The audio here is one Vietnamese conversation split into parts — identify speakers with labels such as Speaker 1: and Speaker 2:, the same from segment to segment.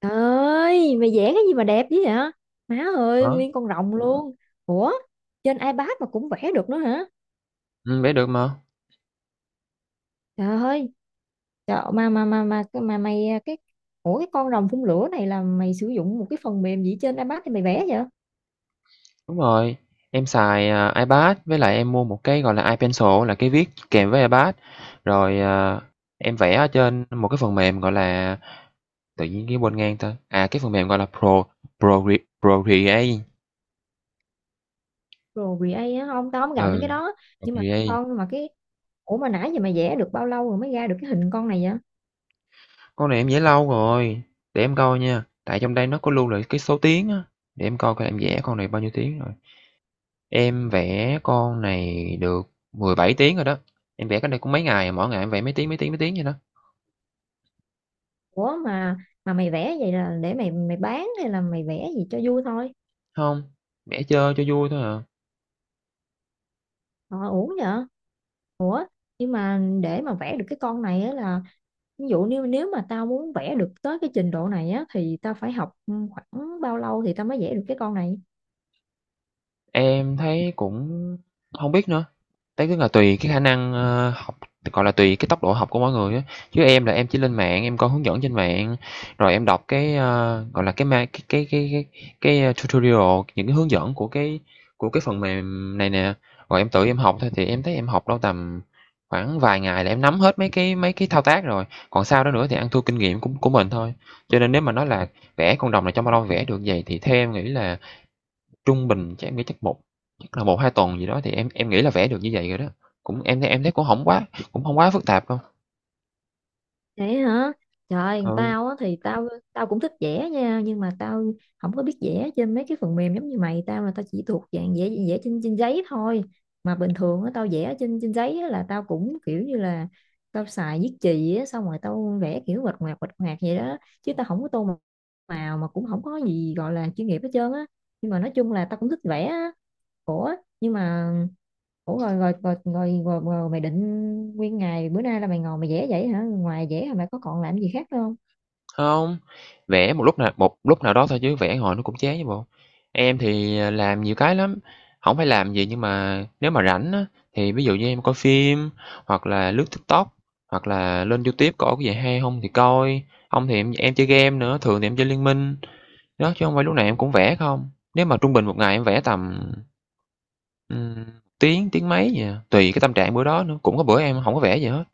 Speaker 1: Trời ơi, mày vẽ cái gì mà đẹp dữ vậy? Má ơi,
Speaker 2: Đó,
Speaker 1: nguyên con rồng luôn. Ủa, trên iPad mà cũng vẽ được nữa hả?
Speaker 2: vẽ được mà.
Speaker 1: Trời ơi, trời, mà mày à, Ủa, cái con rồng phun lửa này là mày sử dụng một cái phần mềm gì trên iPad thì mày vẽ vậy?
Speaker 2: Đúng rồi, em xài, iPad với lại em mua một cái, gọi là, iPencil là cái viết kèm với iPad, rồi, em vẽ ở trên một cái phần mềm, gọi là, tự nhiên cái quên ngang tên, cái phần mềm gọi là Pro pro Procreate.
Speaker 1: Pro Create á, không, tao không gặp mấy cái
Speaker 2: Ừ,
Speaker 1: đó. Nhưng mà
Speaker 2: Procreate,
Speaker 1: con mà cái Ủa, mà nãy giờ mày vẽ được bao lâu rồi mới ra được cái hình con này vậy?
Speaker 2: con này em vẽ lâu rồi, để em coi nha, tại trong đây nó có lưu lại cái số tiếng á, để em coi coi em vẽ con này bao nhiêu tiếng rồi. Em vẽ con này được 17 tiếng rồi đó, em vẽ cái này cũng mấy ngày, mỗi ngày em vẽ mấy tiếng, mấy tiếng, mấy tiếng vậy đó.
Speaker 1: Ủa, mà mày vẽ vậy là để mày mày bán hay là mày vẽ gì cho vui thôi?
Speaker 2: Không, vẽ chơi cho vui thôi à.
Speaker 1: Ờ, uổng vậy. Nhưng mà để mà vẽ được cái con này á là ví dụ nếu nếu mà tao muốn vẽ được tới cái trình độ này á thì tao phải học, khoảng bao lâu thì tao mới vẽ được cái con này
Speaker 2: Em thấy cũng không biết nữa, đấy cũng là tùy cái khả năng, học gọi là, tùy cái tốc độ học của mỗi người á. Chứ em là em chỉ lên mạng, em coi hướng dẫn trên mạng, rồi em đọc cái, gọi là, cái ma cái, tutorial, những cái hướng dẫn của cái phần mềm này nè, rồi em tự em học thôi. Thì em thấy em học đâu tầm khoảng vài ngày là em nắm hết mấy cái thao tác rồi, còn sau đó nữa thì ăn thua kinh nghiệm của mình thôi. Cho nên nếu mà nói là vẽ con rồng này trong bao lâu vẽ được vậy thì theo em nghĩ là trung bình chắc em nghĩ chắc là một hai tuần gì đó thì em nghĩ là vẽ được như vậy rồi đó. Cũng em thấy cũng không quá phức tạp đâu.
Speaker 1: vậy hả? Trời,
Speaker 2: Ừ,
Speaker 1: tao á thì tao tao cũng thích vẽ nha, nhưng mà tao không có biết vẽ trên mấy cái phần mềm giống như mày. Tao là tao chỉ thuộc dạng vẽ vẽ trên trên giấy thôi. Mà bình thường á tao vẽ trên trên giấy á là tao cũng kiểu như là tao xài viết chì á, xong rồi tao vẽ kiểu quạch ngoạc vậy đó, chứ tao không có tô màu, mà cũng không có gì gọi là chuyên nghiệp hết trơn á. Nhưng mà nói chung là tao cũng thích vẽ á. Ủa nhưng mà ủa rồi mày định nguyên ngày bữa nay là mày ngồi mày vẽ vậy hả? Ngoài vẽ hả, mày có còn làm gì khác nữa không?
Speaker 2: hông, vẽ một lúc nào đó thôi chứ vẽ hồi nó cũng chán chứ bộ. Em thì, làm nhiều cái lắm, không phải làm gì nhưng mà nếu mà rảnh á, thì ví dụ như em coi phim hoặc là lướt TikTok, hoặc là lên YouTube có cái gì hay không thì coi, không thì em chơi game nữa, thường thì em chơi Liên Minh. Đó, chứ không phải lúc nào em cũng vẽ không. Nếu mà trung bình một ngày em vẽ tầm, Ừm, tiếng, tiếng mấy vậy à, tùy cái tâm trạng bữa đó nữa, cũng có bữa em hổng có vẽ gì hết.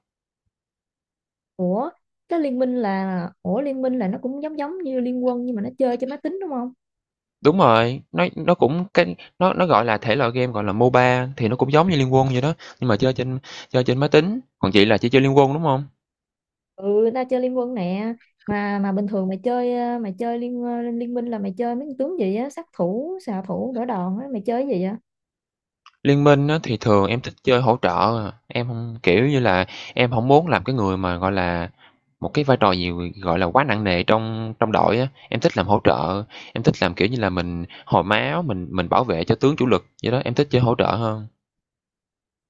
Speaker 1: Ủa, cái liên minh là ủa liên minh là nó cũng giống giống như liên quân nhưng mà nó chơi trên máy tính đúng không?
Speaker 2: Đúng rồi, nó cũng cái nó, gọi là, thể loại game, gọi là, MOBA thì nó cũng giống như Liên Quân vậy đó, nhưng mà chơi trên máy tính, còn chị là chỉ chơi Liên Quân, đúng hông?
Speaker 1: Ừ, ta chơi liên quân nè. Mà bình thường mày chơi, mày chơi liên minh là mày chơi mấy con tướng gì á, sát thủ, xạ thủ, đỡ đòn á, mày chơi cái gì vậy?
Speaker 2: Liên Minh á thì thường em thích chơi hỗ trợ, em hông kiểu như là, em hổng muốn làm cái người mà, gọi là, một cái vai trò gì, gọi là, quá nặng nề trong trong đội á, em thích làm hỗ trợ, em thích làm, kiểu như là, mình hồi máu, mình bảo vệ cho tướng chủ lực vậy đó, em thích chơi hỗ trợ hơn.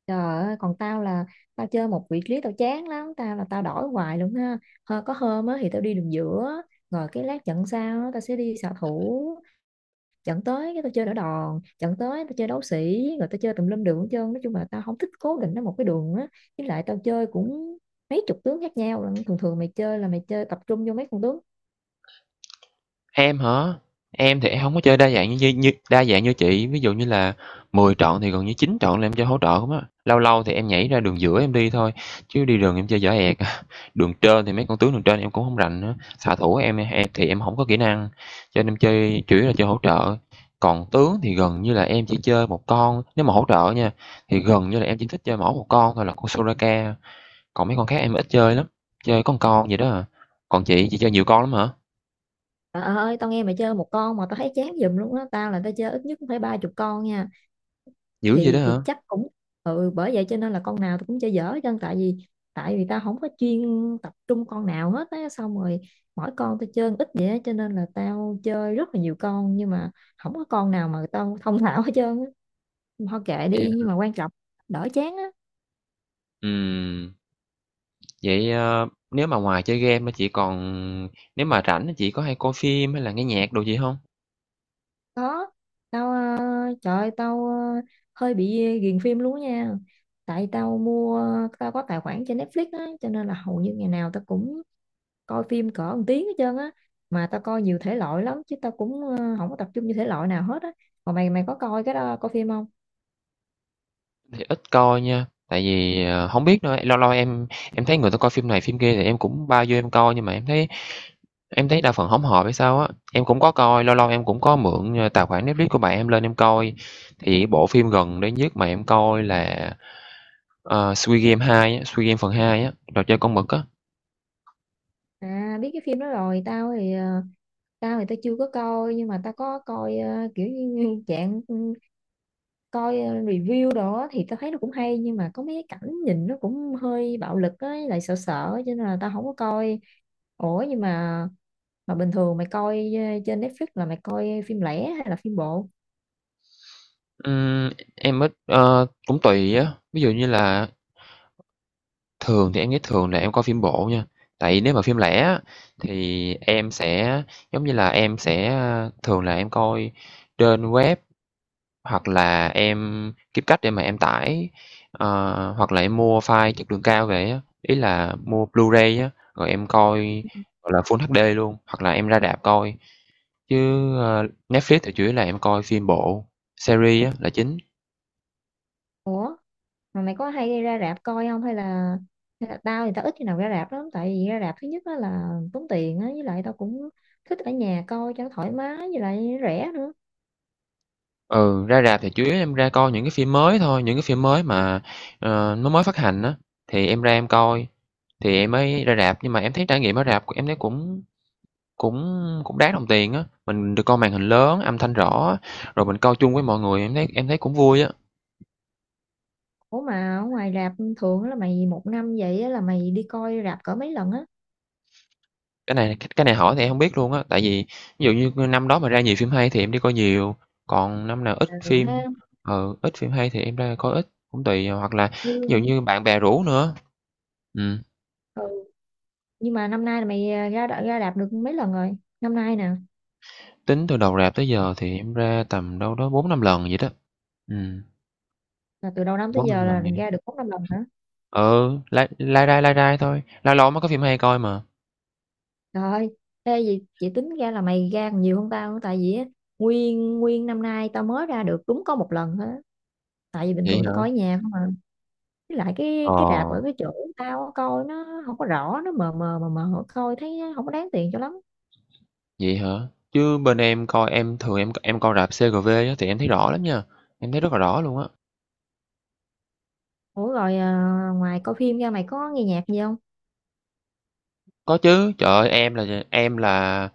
Speaker 1: Trời ơi, còn tao là tao chơi một vị trí tao chán lắm, tao là tao đổi hoài luôn ha. Hơ, có hôm á thì tao đi đường giữa, rồi cái lát trận sau á, tao sẽ đi xạ thủ, trận tới cái tao chơi đỡ đòn, trận tới tao chơi đấu sĩ, rồi tao chơi tùm lum đường hết trơn. Nói chung là tao không thích cố định ở một cái đường á. Với lại tao chơi cũng mấy chục tướng khác nhau lận. Thường thường mày chơi là mày chơi tập trung vô mấy con tướng.
Speaker 2: Em hả? Em thì em hổng có chơi đa dạng như như đa dạng như chị, ví dụ như là 10 trọn thì gần như 9 trọn là em chơi hỗ trợ không á. Lâu lâu thì em nhảy ra đường giữa em đi thôi, chứ đi đường em chơi dở ẹc. Đường trên thì mấy con tướng đường trên em cũng không rành nữa, xạ thủ em thì em không có kỹ năng, cho nên em chơi chủ yếu là chơi hỗ trợ. Còn tướng thì gần như là em chỉ chơi một con, nếu mà hỗ trợ nha, thì gần như là em chỉ thích chơi mỗi một con thôi là con Soraka, còn mấy con khác em ít chơi lắm, chơi có một con vậy đó à. Còn chị chơi nhiều con lắm hả?
Speaker 1: Trời ơi, tao nghe mày chơi một con mà tao thấy chán giùm luôn á. Tao là tao chơi ít nhất cũng phải ba chục con nha.
Speaker 2: Dữ vậy đó
Speaker 1: Thì
Speaker 2: hả?
Speaker 1: chắc cũng, bởi vậy cho nên là con nào tôi cũng chơi dở hết trơn. Tại vì tao không có chuyên tập trung con nào hết á, xong rồi mỗi con tao chơi ít vậy á cho nên là tao chơi rất là nhiều con, nhưng mà không có con nào mà tao thông thạo hết trơn á. Thôi kệ đi,
Speaker 2: Dạ.
Speaker 1: nhưng mà quan trọng đỡ chán á.
Speaker 2: Ừm, vậy, nếu mà ngoài chơi game á, chị còn nếu mà rảnh á, chị có hay coi phim hay là nghe nhạc đồ gì không?
Speaker 1: Có, tao, trời ơi, tao, hơi bị ghiền phim luôn á nha. Tại tao có tài khoản trên Netflix á, cho nên là hầu như ngày nào tao cũng coi phim cỡ một tiếng hết trơn á. Mà tao coi nhiều thể loại lắm, chứ tao cũng không có tập trung như thể loại nào hết á. Còn mày mày có coi cái đó, coi phim không?
Speaker 2: Thì ít coi nha, tại vì, hổng biết nữa, lâu lâu em thấy người ta coi phim này phim kia thì em cũng bao vô em coi, nhưng mà em thấy đa phần hổng hợp hay sao á. Em cũng có coi, lâu lâu em cũng có mượn, tài khoản Netflix của bạn em lên em coi, thì bộ phim gần đây nhất mà em coi là, Squid Game 2 á, Squid Game phần 2 á, trò chơi con mực á.
Speaker 1: À, biết cái phim đó rồi. Tao thì tao chưa có coi, nhưng mà tao có coi, kiểu như dạng, coi, review đồ á thì tao thấy nó cũng hay, nhưng mà có mấy cái cảnh nhìn nó cũng hơi bạo lực ấy, lại sợ sợ cho nên là tao không có coi. Ủa, nhưng mà bình thường mày coi, trên Netflix là mày coi phim lẻ hay là phim bộ?
Speaker 2: Ừm, em ít, cũng tùy á, ví dụ như là thường thì em nghĩ thường là em coi phim bộ nha, tại nếu mà phim lẻ á, thì em sẽ giống như là, em sẽ, thường là em coi trên web hoặc là em kiếm cách để mà em tải, hoặc là em mua file chất lượng cao về á, ý là mua Blu-ray á, rồi em coi, gọi là, Full HD luôn, hoặc là em ra rạp coi. Chứ, Netflix thì chủ yếu là em coi phim bộ, series á là chính.
Speaker 1: Ủa, mà mày có hay ra rạp coi không, hay là, tao thì tao ít khi nào ra rạp lắm, tại vì ra rạp thứ nhất á là tốn tiền á, với lại tao cũng thích ở nhà coi cho nó thoải mái, với lại rẻ nữa.
Speaker 2: Ừ, ra rạp thì chủ yếu em ra coi những cái phim mới thôi, những cái phim mới mà, nó mới phát hành á, thì em ra em coi, thì em mới ra rạp. Nhưng mà em thấy trải nghiệm ở rạp em thấy cũng cũng cũng đáng đồng tiền á, mình được coi màn hình lớn, âm thanh rõ, rồi mình coi chung với mọi người, em thấy cũng vui á.
Speaker 1: Ủa, mà ở ngoài rạp thường á là mày một năm vậy á là mày đi coi rạp cỡ mấy lần á?
Speaker 2: Cái này hỏi thì em hông biết luôn á, tại vì ví dụ như năm đó mà ra nhiều phim hay thì em đi coi nhiều, còn năm nào ít
Speaker 1: Ừ, ha.
Speaker 2: phim, ít phim hay thì em ra coi ít, cũng tùy, hoặc là
Speaker 1: Như,
Speaker 2: ví dụ như bạn bè rủ nữa. Ừm.
Speaker 1: ừ. Nhưng mà năm nay là mày, ra ra rạp được mấy lần rồi năm nay nè?
Speaker 2: Tính từ đầu rạp tới giờ thì em ra tầm đâu đó 4-5 lần vậy đó. Ừm,
Speaker 1: Là từ đầu năm tới giờ
Speaker 2: 4-5 lần
Speaker 1: là
Speaker 2: vậy.
Speaker 1: ra được bốn năm lần hả?
Speaker 2: Ừ, lai lai rai thôi, lâu lâu mới có phim hay coi mà.
Speaker 1: Trời ơi, thế gì chị tính ra là mày ra còn nhiều hơn tao nữa, tại vì á, nguyên nguyên năm nay tao mới ra được đúng có một lần thôi, tại vì bình
Speaker 2: Vậy
Speaker 1: thường
Speaker 2: hả?
Speaker 1: tao coi ở nhà không à, với lại cái
Speaker 2: Ờ,
Speaker 1: cái rạp ở cái chỗ tao á, coi nó không có rõ, nó mờ mờ mờ mờ, coi thấy không có đáng tiền cho lắm.
Speaker 2: vậy hả? Chứ bên em coi em thường em coi rạp CGV á thì em thấy rõ lắm nha, em thấy rất là rõ luôn á.
Speaker 1: Ủa, rồi ngoài coi phim ra mày có nghe nhạc gì không?
Speaker 2: Có chứ, trời ơi, em là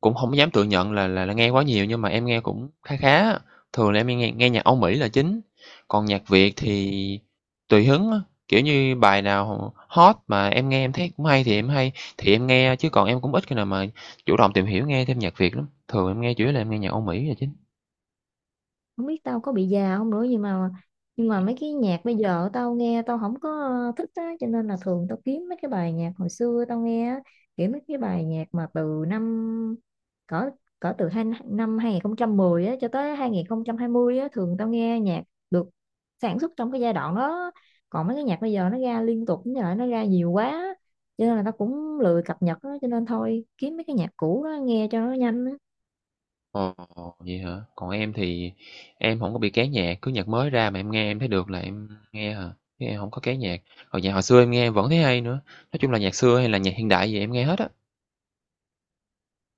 Speaker 2: cũng hổng dám tự nhận là nghe quá nhiều nhưng mà em nghe cũng khá khá á, thường là em nghe nghe nhạc Âu Mỹ là chính, còn nhạc Việt thì tùy hứng á, kiểu như, bài nào hot mà em nghe em thấy cũng hay thì em nghe, chứ còn em cũng ít khi nào mà chủ động tìm hiểu nghe thêm nhạc Việt lắm, thường em nghe chủ yếu là em nghe nhạc Âu Mỹ là chính.
Speaker 1: Không biết tao có bị già không nữa, nhưng mà mấy cái nhạc bây giờ tao nghe tao không có, thích á, cho nên là thường tao kiếm mấy cái bài nhạc hồi xưa tao nghe á, kiểu mấy cái bài nhạc mà từ năm cỡ cỡ từ năm 2010 á cho tới 2020 á, thường tao nghe nhạc được sản xuất trong cái giai đoạn đó. Còn mấy cái nhạc bây giờ nó ra liên tục như vậy, nó ra nhiều quá cho nên là tao cũng lười cập nhật á, cho nên thôi kiếm mấy cái nhạc cũ đó nghe cho nó nhanh á.
Speaker 2: Ồ, vậy hả? Còn em thì em hổng có bị kén nhạc, cứ nhạc mới ra mà em nghe em thấy được là em nghe à, chứ em hổng có kén nhạc. Còn nhạc hồi xưa em nghe em vẫn thấy hay nữa, nói chung là nhạc xưa hay là nhạc hiện đại gì em nghe hết á.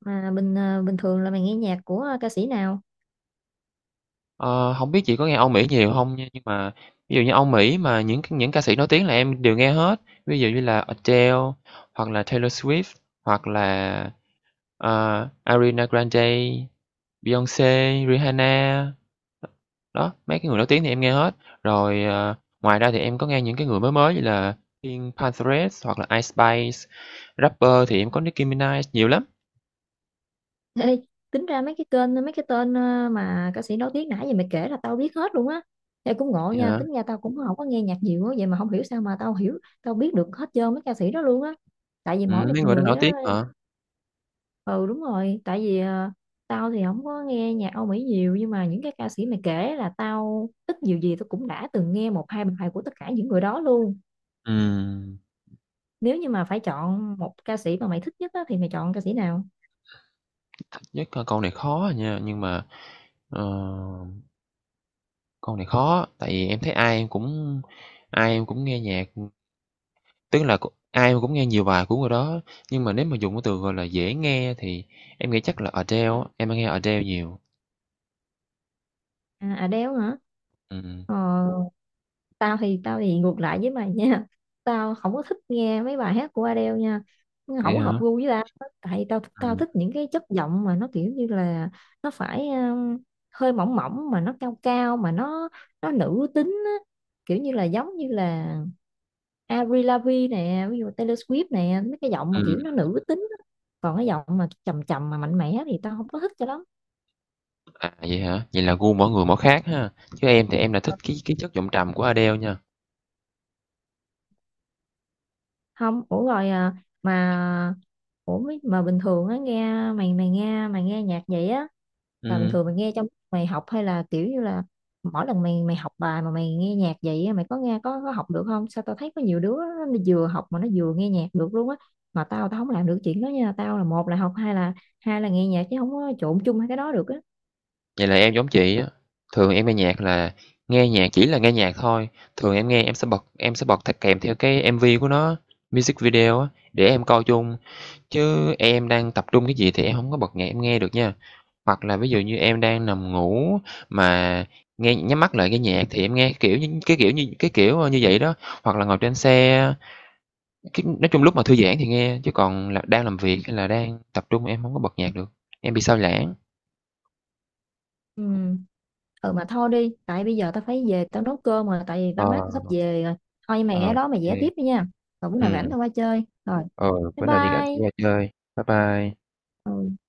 Speaker 1: Mà bình thường là mày nghe nhạc của, ca sĩ nào?
Speaker 2: Ờ, hổng biết chị có nghe Âu Mỹ nhiều không nha, nhưng mà ví dụ như Âu Mỹ mà những ca sĩ nổi tiếng là em đều nghe hết, ví dụ như là Adele hoặc là Taylor Swift, hoặc là, ờ, Ariana Grande, Beyoncé, Rihanna. Đó, mấy cái người nổi tiếng thì em nghe hết. Rồi, ngoài ra thì em có nghe những cái người mới mới như là Pink Pantheress hoặc là Ice Spice, rapper thì em có Nicki Minaj, nhiều lắm.
Speaker 1: Ê, tính ra mấy cái tên, mà ca sĩ nổi tiếng nãy giờ mày kể là tao biết hết luôn á. Ê, cũng ngộ
Speaker 2: Vậy
Speaker 1: nha,
Speaker 2: hả?
Speaker 1: tính ra tao cũng không có nghe nhạc nhiều á, vậy mà không hiểu sao mà tao biết được hết trơn mấy ca sĩ đó luôn á. Tại vì mỗi
Speaker 2: Mấy
Speaker 1: một
Speaker 2: người đó
Speaker 1: người
Speaker 2: nổi tiếng
Speaker 1: á.
Speaker 2: hả?
Speaker 1: Ừ, đúng rồi, tại vì tao thì không có nghe nhạc Âu Mỹ nhiều, nhưng mà những cái ca sĩ mày kể là tao ít nhiều gì tao cũng đã từng nghe một hai bài của tất cả những người đó luôn.
Speaker 2: Ừm,
Speaker 1: Nếu như mà phải chọn một ca sĩ mà mày thích nhất á thì mày chọn ca sĩ nào?
Speaker 2: nhất là câu này khó à nha, nhưng mà Ờ, câu này khó, tại vì em thấy ai em cũng nghe nhạc, tức là cũng ai em cũng nghe nhiều bài của người đó, nhưng mà nếu mà dùng cái từ, gọi là, dễ nghe thì em nghĩ chắc là Adele á, em hay nghe Adele nhiều.
Speaker 1: À, Adele hả?
Speaker 2: Ừm,
Speaker 1: Ờ, tao thì ngược lại với mày nha tao không có thích nghe mấy bài hát của Adele nha, nó
Speaker 2: vậy
Speaker 1: không có
Speaker 2: hả?
Speaker 1: hợp gu với tao. Tại tao tao
Speaker 2: Ừm,
Speaker 1: thích những cái chất giọng mà nó kiểu như là nó phải, hơi mỏng mỏng mà nó cao cao, mà nó nữ tính á. Kiểu như là giống như là Avril Lavigne nè, ví dụ Taylor Swift nè, mấy cái giọng mà kiểu
Speaker 2: ừm,
Speaker 1: nó nữ tính á. Còn cái giọng mà trầm trầm mà mạnh mẽ thì tao không có thích cho lắm.
Speaker 2: vậy hả? Vậy là gu mỗi người mỗi khác ha, chứ em thì em là thích cái chất giọng trầm của Adele nha.
Speaker 1: Không. Ủa, rồi mà ủa, mấy- mà bình thường á nghe mày mày nghe nhạc vậy á, là bình
Speaker 2: Ừm,
Speaker 1: thường mày nghe trong lúc mày học hay là kiểu như là mỗi lần mày mày học bài mà mày nghe nhạc vậy á, mày có nghe có học được không? Sao tao thấy có nhiều đứa á, nó vừa học mà nó vừa nghe nhạc được luôn á. Mà tao tao không làm được chuyện đó nha, tao là một là học, hai là nghe nhạc, chứ không có trộn chung hai cái đó được á.
Speaker 2: vậy là em giống chị á, thường em nghe nhạc là nghe nhạc chỉ là nghe nhạc thôi, thường em nghe em sẽ bật kèm theo cái MV của nó, music video á, để em coi chung. Chứ em đang tập trung cái gì thì em không có bật nhạc em nghe được nha. Hoặc là ví dụ như em đang nằm ngủ mà nghe nhắm mắt lại cái nhạc thì em nghe, kiểu như, cái kiểu, như vậy đó. Hoặc là ngồi trên xe, cái nói chung lúc mà thư giãn thì nghe, chứ còn là đang làm việc hay là đang tập trung em không có bật nhạc được, em bị sao lãng.
Speaker 1: Ừ. Mà thôi đi, tại bây giờ tao phải về tao nấu cơm rồi, tại vì
Speaker 2: Ờ,
Speaker 1: ba má tao sắp về rồi. Thôi,
Speaker 2: ờ,
Speaker 1: mày ở đó mày vẽ
Speaker 2: ok.
Speaker 1: tiếp đi nha. Rồi bữa nào rảnh
Speaker 2: Ừ.
Speaker 1: tao qua chơi. Rồi,
Speaker 2: Ờ, ừ,
Speaker 1: bye
Speaker 2: bữa nào hẹn chị
Speaker 1: bye.
Speaker 2: ra chơi. Bye bye.
Speaker 1: Ừ.